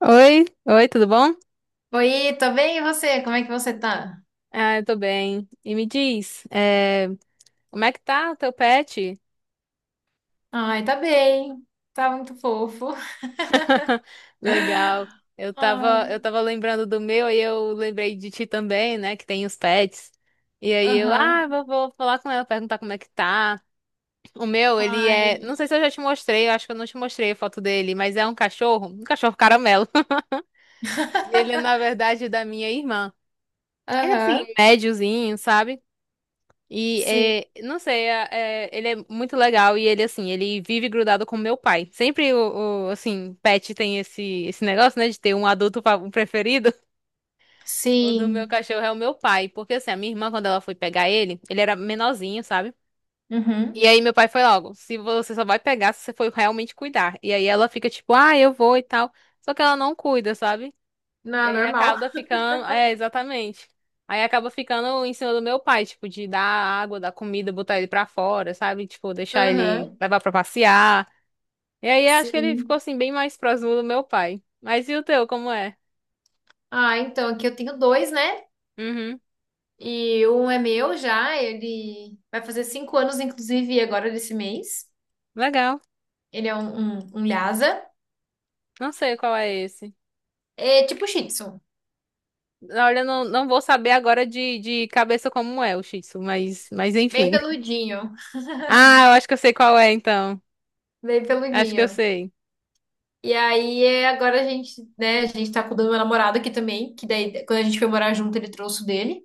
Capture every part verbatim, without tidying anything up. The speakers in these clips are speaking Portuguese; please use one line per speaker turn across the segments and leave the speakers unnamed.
Oi, oi, tudo bom?
Oi, tô bem, e você? Como é que você tá?
Ah, eu tô bem. E me diz, eh, como é que tá o teu pet?
Ai, tá bem. Tá muito fofo.
Legal. Eu
Ai,
tava, eu tava lembrando do meu e eu lembrei de ti também, né? Que tem os pets. E aí eu, ah,
aham.
vou, vou falar com ela, perguntar como é que tá. O meu, ele é,
Ai.
não sei se eu já te mostrei, eu acho que eu não te mostrei a foto dele, mas é um cachorro, um cachorro caramelo. Ele é, na verdade, é da minha irmã. Ele é assim,
Aham.
médiozinho, sabe? E
Sim.
é, não sei, é- é- ele é muito legal e ele assim, ele vive grudado com meu pai. Sempre o, o, assim, pet tem esse esse negócio, né, de ter um adulto fa- um preferido. O do meu
Sim.
cachorro é o meu pai, porque assim, a minha irmã quando ela foi pegar ele, ele era menorzinho, sabe? E
Uhum.
aí meu pai foi logo, se você só vai pegar se você for realmente cuidar. E aí ela fica tipo, ah, eu vou e tal. Só que ela não cuida, sabe? E
Não, é
aí
normal.
acaba ficando. É, exatamente. Aí acaba ficando em cima do meu pai, tipo, de dar água, dar comida, botar ele pra fora, sabe? Tipo, deixar ele
Aham.
levar pra passear. E aí acho que ele ficou
Sim.
assim, bem mais próximo do meu pai. Mas e o teu, como é?
Ah, então, aqui eu tenho dois, né?
Uhum.
E um é meu já, ele vai fazer cinco anos, inclusive, agora desse mês.
Legal.
Ele é um, um, um Lhasa.
Não sei qual é esse.
É tipo Shih Tzu.
Olha, eu não, não vou saber agora de, de cabeça como é o Shih Tzu, mas, mas
Bem
enfim.
peludinho.
Ah, eu acho que eu sei qual é, então.
Bem
Acho que eu
peludinho.
sei.
E aí, é, agora a gente, né, a gente tá cuidando do meu namorado aqui também, que daí, quando a gente foi morar junto, ele trouxe o dele.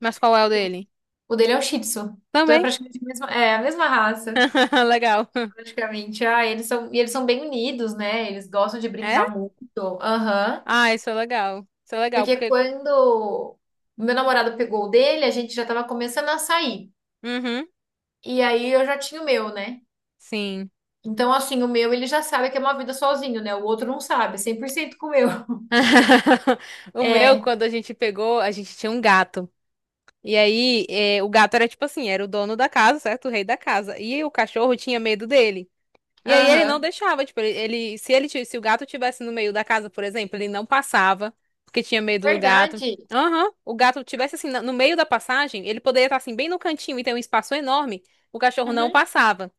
Mas qual é o dele?
O dele é o Shih Tzu. Então é
Também.
praticamente a mesma, é, a mesma raça,
Legal.
praticamente. Ah, eles são, e eles são bem unidos, né? Eles gostam de
É?
brincar muito. Aham.
Ah, isso é legal. Isso é legal,
Porque
porque.
quando o meu namorado pegou o dele, a gente já tava começando a sair.
Uhum,
E aí eu já tinha o meu, né?
sim.
Então, assim, o meu ele já sabe que é uma vida sozinho, né? O outro não sabe, cem por cento com o meu.
O meu,
É,
quando a gente pegou, a gente tinha um gato. E aí, eh, o gato era tipo assim, era o dono da casa, certo? O rei da casa. E o cachorro tinha medo dele. E aí ele não
aham.
deixava, tipo, ele, ele- se ele, ti- se o gato tivesse no meio da casa, por exemplo, ele não passava, porque tinha medo do gato.
Verdade.
Aham, o gato tivesse assim, na- no meio da passagem, ele poderia estar assim, bem no cantinho e ter um espaço enorme, o cachorro não
Uhum.
passava.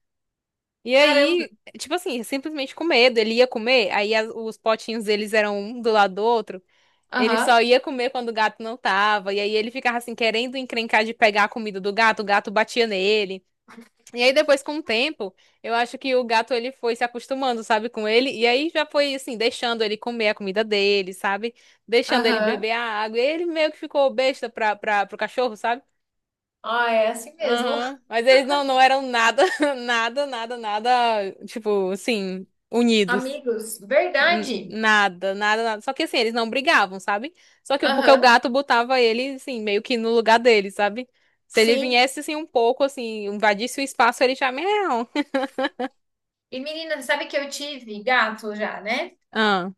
E
Caramba.
aí, tipo assim, simplesmente com medo. Ele ia comer, aí as- os potinhos deles eram um do lado do outro. Ele
Aham,
só ia comer quando o gato não tava. E aí ele ficava assim, querendo encrencar de pegar a comida do gato, o gato batia nele. E aí depois, com o tempo, eu acho que o gato ele foi se acostumando, sabe, com ele. E aí já foi assim, deixando ele comer a comida dele, sabe? Deixando ele
aham.
beber a água. E ele meio que ficou besta pra, pra, pro cachorro, sabe?
Ah, é assim mesmo.
Aham. Mas eles não, não eram nada, nada, nada, nada, tipo, assim, unidos.
Amigos,
N-
verdade.
Nada, nada, nada. Só que assim, eles não brigavam, sabe? Só que porque o
Aham,
gato botava ele, assim, meio que no lugar dele, sabe? Se ele
sim.
viesse, assim, um pouco, assim, invadisse o espaço, ele já... Miau.
E menina, sabe que eu tive gato já, né?
Ah,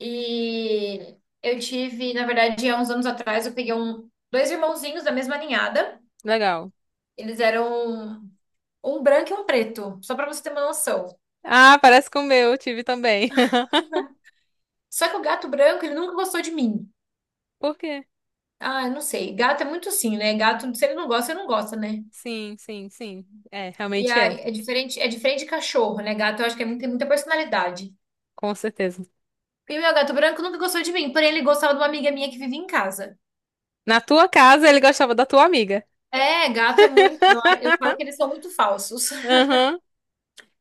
E eu tive, na verdade, há uns anos atrás, eu peguei um, dois irmãozinhos da mesma ninhada.
legal.
Eles eram um branco e um preto, só pra você ter uma noção.
Ah, parece com o meu, eu tive também.
Só que o gato branco, ele nunca gostou de mim.
Por quê?
Ah, eu não sei. Gato é muito assim, né? Gato, se ele não gosta, ele não gosta, né?
Sim, sim, sim. É,
E
realmente
aí,
é.
é diferente, é diferente de cachorro, né? Gato, eu acho que é muito- tem muita personalidade.
Com certeza.
Porque meu gato branco nunca gostou de mim, porém ele gostava de uma amiga minha que vive em casa.
Na tua casa, ele gostava da tua amiga.
É, gato é muito. Eu, eu falo que eles são muito falsos.
Aham,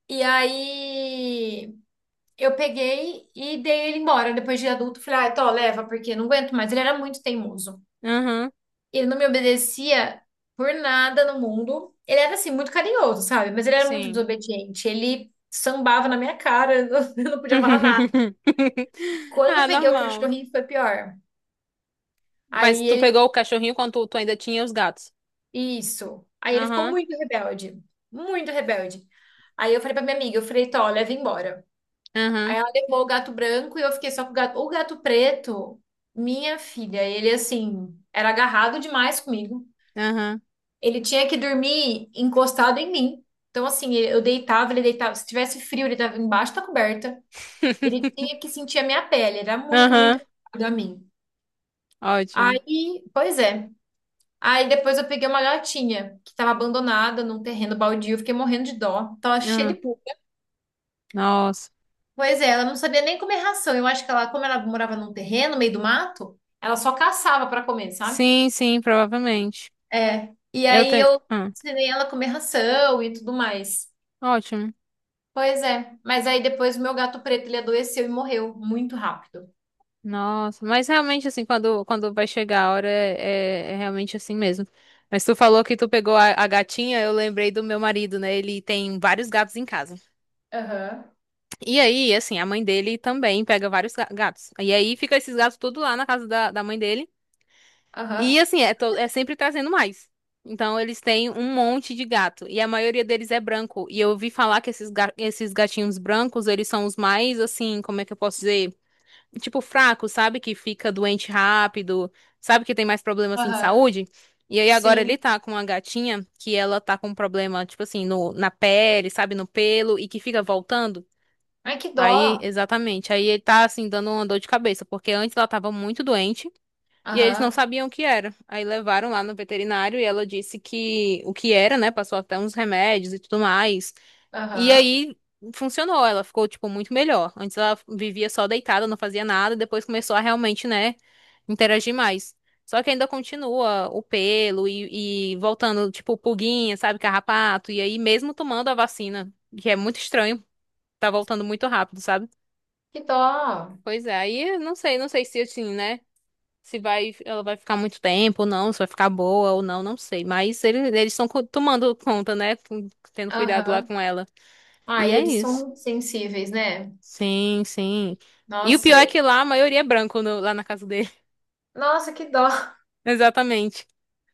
E aí eu peguei e dei ele embora depois de adulto. Falei, ah, tô, leva, porque não aguento mais. Ele era muito teimoso.
aham.
Ele não me obedecia por nada no mundo. Ele era assim, muito carinhoso, sabe? Mas ele era muito
Sim.
desobediente. Ele sambava na minha cara, eu não eu não podia falar nada. Quando eu
Ah,
peguei o
normal.
cachorrinho, foi pior.
Mas
Aí
tu
ele
pegou o cachorrinho quando tu, tu ainda tinha os gatos.
Isso. Aí ele ficou
Aham,
muito rebelde, muito rebelde. Aí eu falei pra minha amiga, eu falei, Tó, leva embora. Aí
aham,
ela levou o gato branco e eu fiquei só com o gato. O gato preto, minha filha, ele assim, era agarrado demais comigo.
aham,
Ele tinha que dormir encostado em mim. Então, assim, eu deitava, ele deitava. Se tivesse frio, ele estava embaixo da coberta. Ele tinha que sentir a minha pele, era muito, muito
aham.
agarrado a mim.
Ótimo.
Aí, pois é. Aí depois eu peguei uma gatinha que tava abandonada num terreno baldio, eu fiquei morrendo de dó. Tava cheia de
Ah,
pulga.
nossa.
Pois é, ela não sabia nem comer ração. Eu acho que ela, como ela morava num terreno, no meio do mato, ela só caçava pra comer, sabe?
Sim, sim, provavelmente.
É. E
Eu
aí
tenho.
eu
Ah,
ensinei ela a comer ração e tudo mais.
ótimo.
Pois é. Mas aí depois o meu gato preto, ele adoeceu e morreu muito rápido.
Nossa. Mas realmente, assim, quando, quando vai chegar a hora, é, é realmente assim mesmo. Mas tu falou que tu pegou a, a gatinha, eu lembrei do meu marido, né? Ele tem vários gatos em casa.
Aham,
E aí, assim, a mãe dele também pega vários ga- gatos. E aí fica esses gatos tudo lá na casa da, da mãe dele. E
aham,
assim, é, to- é sempre trazendo mais. Então eles têm um monte de gato. E a maioria deles é branco. E eu ouvi falar que esses, ga- esses gatinhos brancos, eles são os mais, assim, como é que eu posso dizer? Tipo, fracos, sabe? Que fica doente rápido, sabe? Que tem mais problema, assim, de
aham.
saúde. E aí agora
Sim.
ele tá com uma gatinha que ela tá com um problema, tipo assim, no, na pele, sabe? No pelo, e que fica voltando.
Ai, que
Aí,
dó.
exatamente. Aí ele tá assim dando uma dor de cabeça, porque antes ela tava muito doente e eles não
Aham,
sabiam o que era. Aí levaram lá no veterinário e ela disse que o que era, né? Passou até uns remédios e tudo mais. E
aham.
aí funcionou, ela ficou tipo muito melhor. Antes ela vivia só deitada, não fazia nada, depois começou a realmente, né, interagir mais. Só que ainda continua o pelo e, e voltando, tipo, pulguinha, sabe, carrapato. E aí, mesmo tomando a vacina, que é muito estranho, tá voltando muito rápido, sabe?
Que dó.
Pois é, aí eu não sei, não sei se assim, né? Se vai, ela vai ficar muito tempo ou não, se vai ficar boa ou não, não sei. Mas eles, eles estão co- tomando conta, né? com- Tendo cuidado lá
Aham.
com ela.
Ah,
E
e
é
eles
isso.
são sensíveis, né?
Sim, sim. E o
Nossa,
pior é
e-
que lá a maioria é branco no- lá na casa dele.
nossa, que dó.
Exatamente.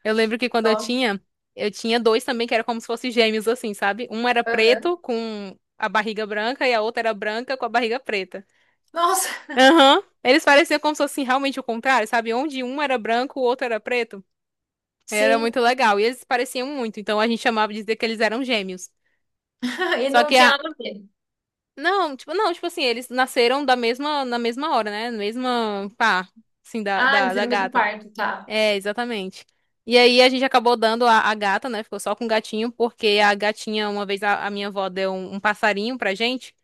Eu lembro que quando eu
Dó.
tinha, eu tinha dois também que era como se fossem gêmeos, assim, sabe? Um era
Aham.
preto com a barriga branca e a outra era branca com a barriga preta.
Nossa,
Aham. Eles pareciam como se fosse assim, realmente o contrário, sabe? Onde um era branco, o outro era preto. Era
sim.
muito legal. E eles se pareciam muito, então a gente chamava de dizer que eles eram gêmeos.
E
Só
não
que a.
tinha nada a ver.
Não, tipo, não, tipo assim, eles nasceram da mesma, na mesma hora, né? Na mesma pá, assim, da,
Ah,
da,
eles
da
no mesmo
gata.
parto, tá.
É, exatamente. E aí a gente acabou dando a, a gata, né? Ficou só com o gatinho, porque a gatinha, uma vez a, a minha avó deu um, um passarinho pra gente,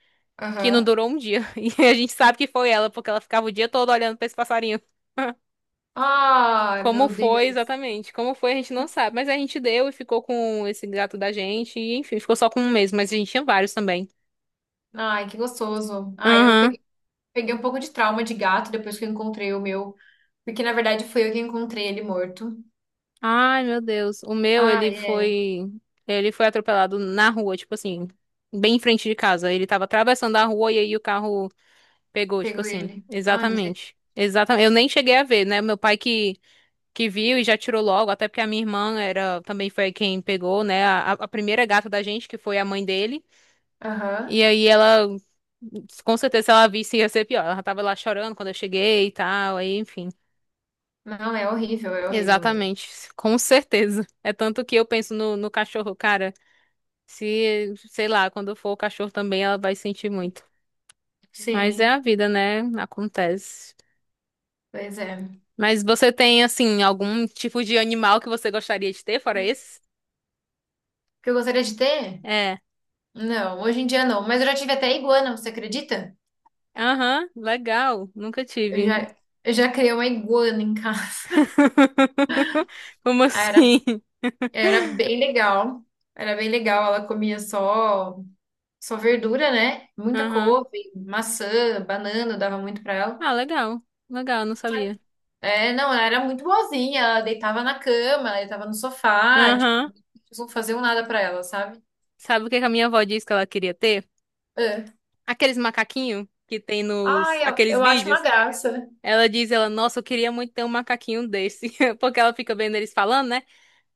que não
Aham.
durou um dia. E a gente sabe que foi ela, porque ela ficava o dia todo olhando pra esse passarinho.
Ai,
Como
meu
foi
Deus.
exatamente? Como foi, a gente não sabe. Mas a gente deu e ficou com esse gato da gente. E, enfim, ficou só com um mesmo, mas a gente tinha vários também.
Ai, que gostoso. Ai, eu,
Aham.
pe- peguei um pouco de trauma de gato depois que eu encontrei o meu. Porque, na verdade, fui eu que encontrei ele morto.
Ai, meu Deus. O meu,
Ah,
ele
é.
foi. Ele foi atropelado na rua, tipo assim, bem em frente de casa. Ele tava atravessando a rua e aí o carro pegou, tipo
Pegou
assim.
ele. Ah, misericórdia.
Exatamente. Exatamente. Eu nem cheguei a ver, né? Meu pai que, que viu e já tirou logo, até porque a minha irmã era também foi quem pegou, né? A, a primeira gata da gente, que foi a mãe dele. E
Aham.
aí ela, com certeza, se ela visse, ia ser pior. Ela já tava lá chorando quando eu cheguei e tal, aí, enfim.
Não, é horrível, é horrível.
Exatamente, com certeza. É tanto que eu penso no, no cachorro, cara. Se, sei lá, quando for o cachorro também, ela vai sentir muito. Mas é a
Sim,
vida, né? Acontece.
pois é. O
Mas você tem, assim, algum tipo de animal que você gostaria de ter, fora esse?
que eu gostaria de ter?
É.
Não, hoje em dia não. Mas eu já tive até iguana, você acredita?
Aham, legal. Nunca
Eu
tive.
já, eu já criei uma iguana em casa.
Como
Era,
assim?
era bem legal. Era bem legal. Ela comia só, só verdura, né? Muita
Aham.
couve, maçã, banana, dava muito pra ela.
Ah, legal. Legal, não sabia.
É, não, ela era muito boazinha. Ela deitava na cama, ela deitava no sofá. Tipo,
Aham.
não faziam nada pra ela, sabe?
Sabe o que que a minha avó disse que ela queria ter?
É.
Aqueles macaquinhos que tem nos
Ai, eu,
aqueles
eu acho uma
vídeos.
graça.
Ela diz, ela, nossa, eu queria muito ter um macaquinho desse. Porque ela fica vendo eles falando, né?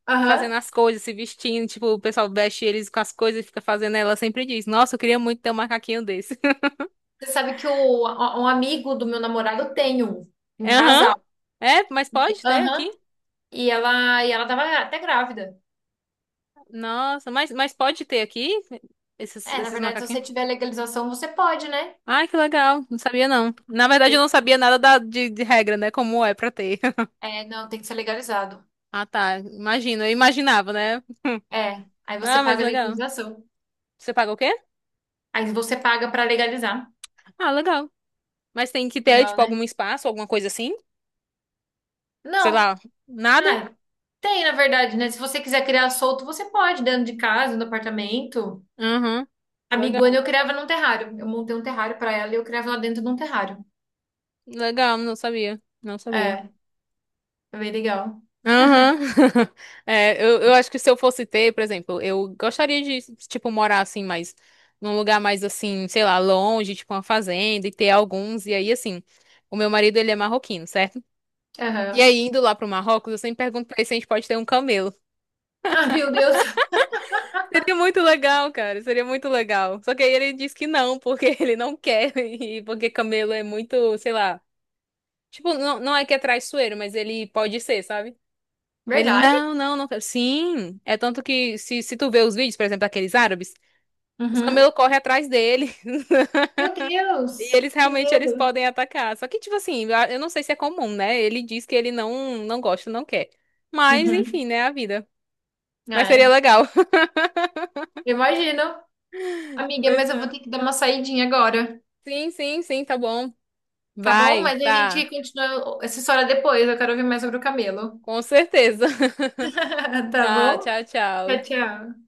Aham.
Fazendo as coisas, se vestindo. Tipo, o pessoal veste eles com as coisas e fica fazendo. Ela sempre diz, nossa, eu queria muito ter um macaquinho desse.
Você sabe que o, um amigo do meu namorado tem um, um
Aham.
casal.
É, mas
E-
pode ter aqui?
Aham. E ela, e ela tava até grávida.
Nossa, mas, mas pode ter aqui esses,
É, na
esses
verdade, se
macaquinhos?
você tiver legalização, você pode, né?
Ai, que legal. Não sabia, não. Na verdade,
Tem
eu não sabia
que-
nada da, de, de regra, né? Como é pra ter.
é, não, tem que ser legalizado.
Ah, tá. Imagino, eu imaginava, né?
É, aí você
Ah, mas
paga a
legal.
legalização.
Você paga o quê?
Aí você paga pra legalizar.
Ah, legal. Mas tem que ter,
Legal,
tipo,
né?
algum espaço, alguma coisa assim? Sei
Não.
lá, nada?
Ah, tem, na verdade, né? Se você quiser criar solto, você pode, dentro de casa, no apartamento.
Aham.
A Miguana
Legal.
eu criava num terrário. Eu montei um terrário pra ela e eu criava ela dentro de um terrário.
Legal, não sabia. Não sabia.
É, é bem legal.
Aham. É, eu, eu acho que se eu fosse ter, por exemplo, eu gostaria de, tipo, morar assim, mas num lugar mais assim, sei lá, longe, tipo uma fazenda, e ter alguns, e aí assim. O meu marido, ele é marroquino, certo? E
Aham.
aí, indo lá pro Marrocos, eu sempre pergunto pra ele se a gente pode ter um camelo.
Ah, meu Deus.
Seria muito legal, cara. Seria muito legal. Só que aí ele diz que não, porque ele não quer. E porque camelo é muito, sei lá. Tipo, não, não é que é traiçoeiro, mas ele pode ser, sabe? Ele,
Verdade?
não, não, não quero. Sim. É tanto que se, se tu vê os vídeos, por exemplo, daqueles árabes, os
Uhum.
camelos correm atrás dele.
Meu
E
Deus,
eles
que
realmente eles
medo.
podem atacar. Só que, tipo assim, eu eu não sei se é comum, né? Ele diz que ele não, não gosta, não quer. Mas,
Uhum.
enfim, né? A vida. Mas seria
É,
legal.
imagino. Amiga,
Pois
mas eu vou
é.
ter que dar uma saidinha agora,
Sim, sim, sim, tá bom.
tá bom?
Vai,
Mas a gente
tá.
continua essa história depois. Eu quero ouvir mais sobre o camelo.
Com certeza.
Tá
Tá,
bom?
tchau,
Tchau,
tchau.
tchau.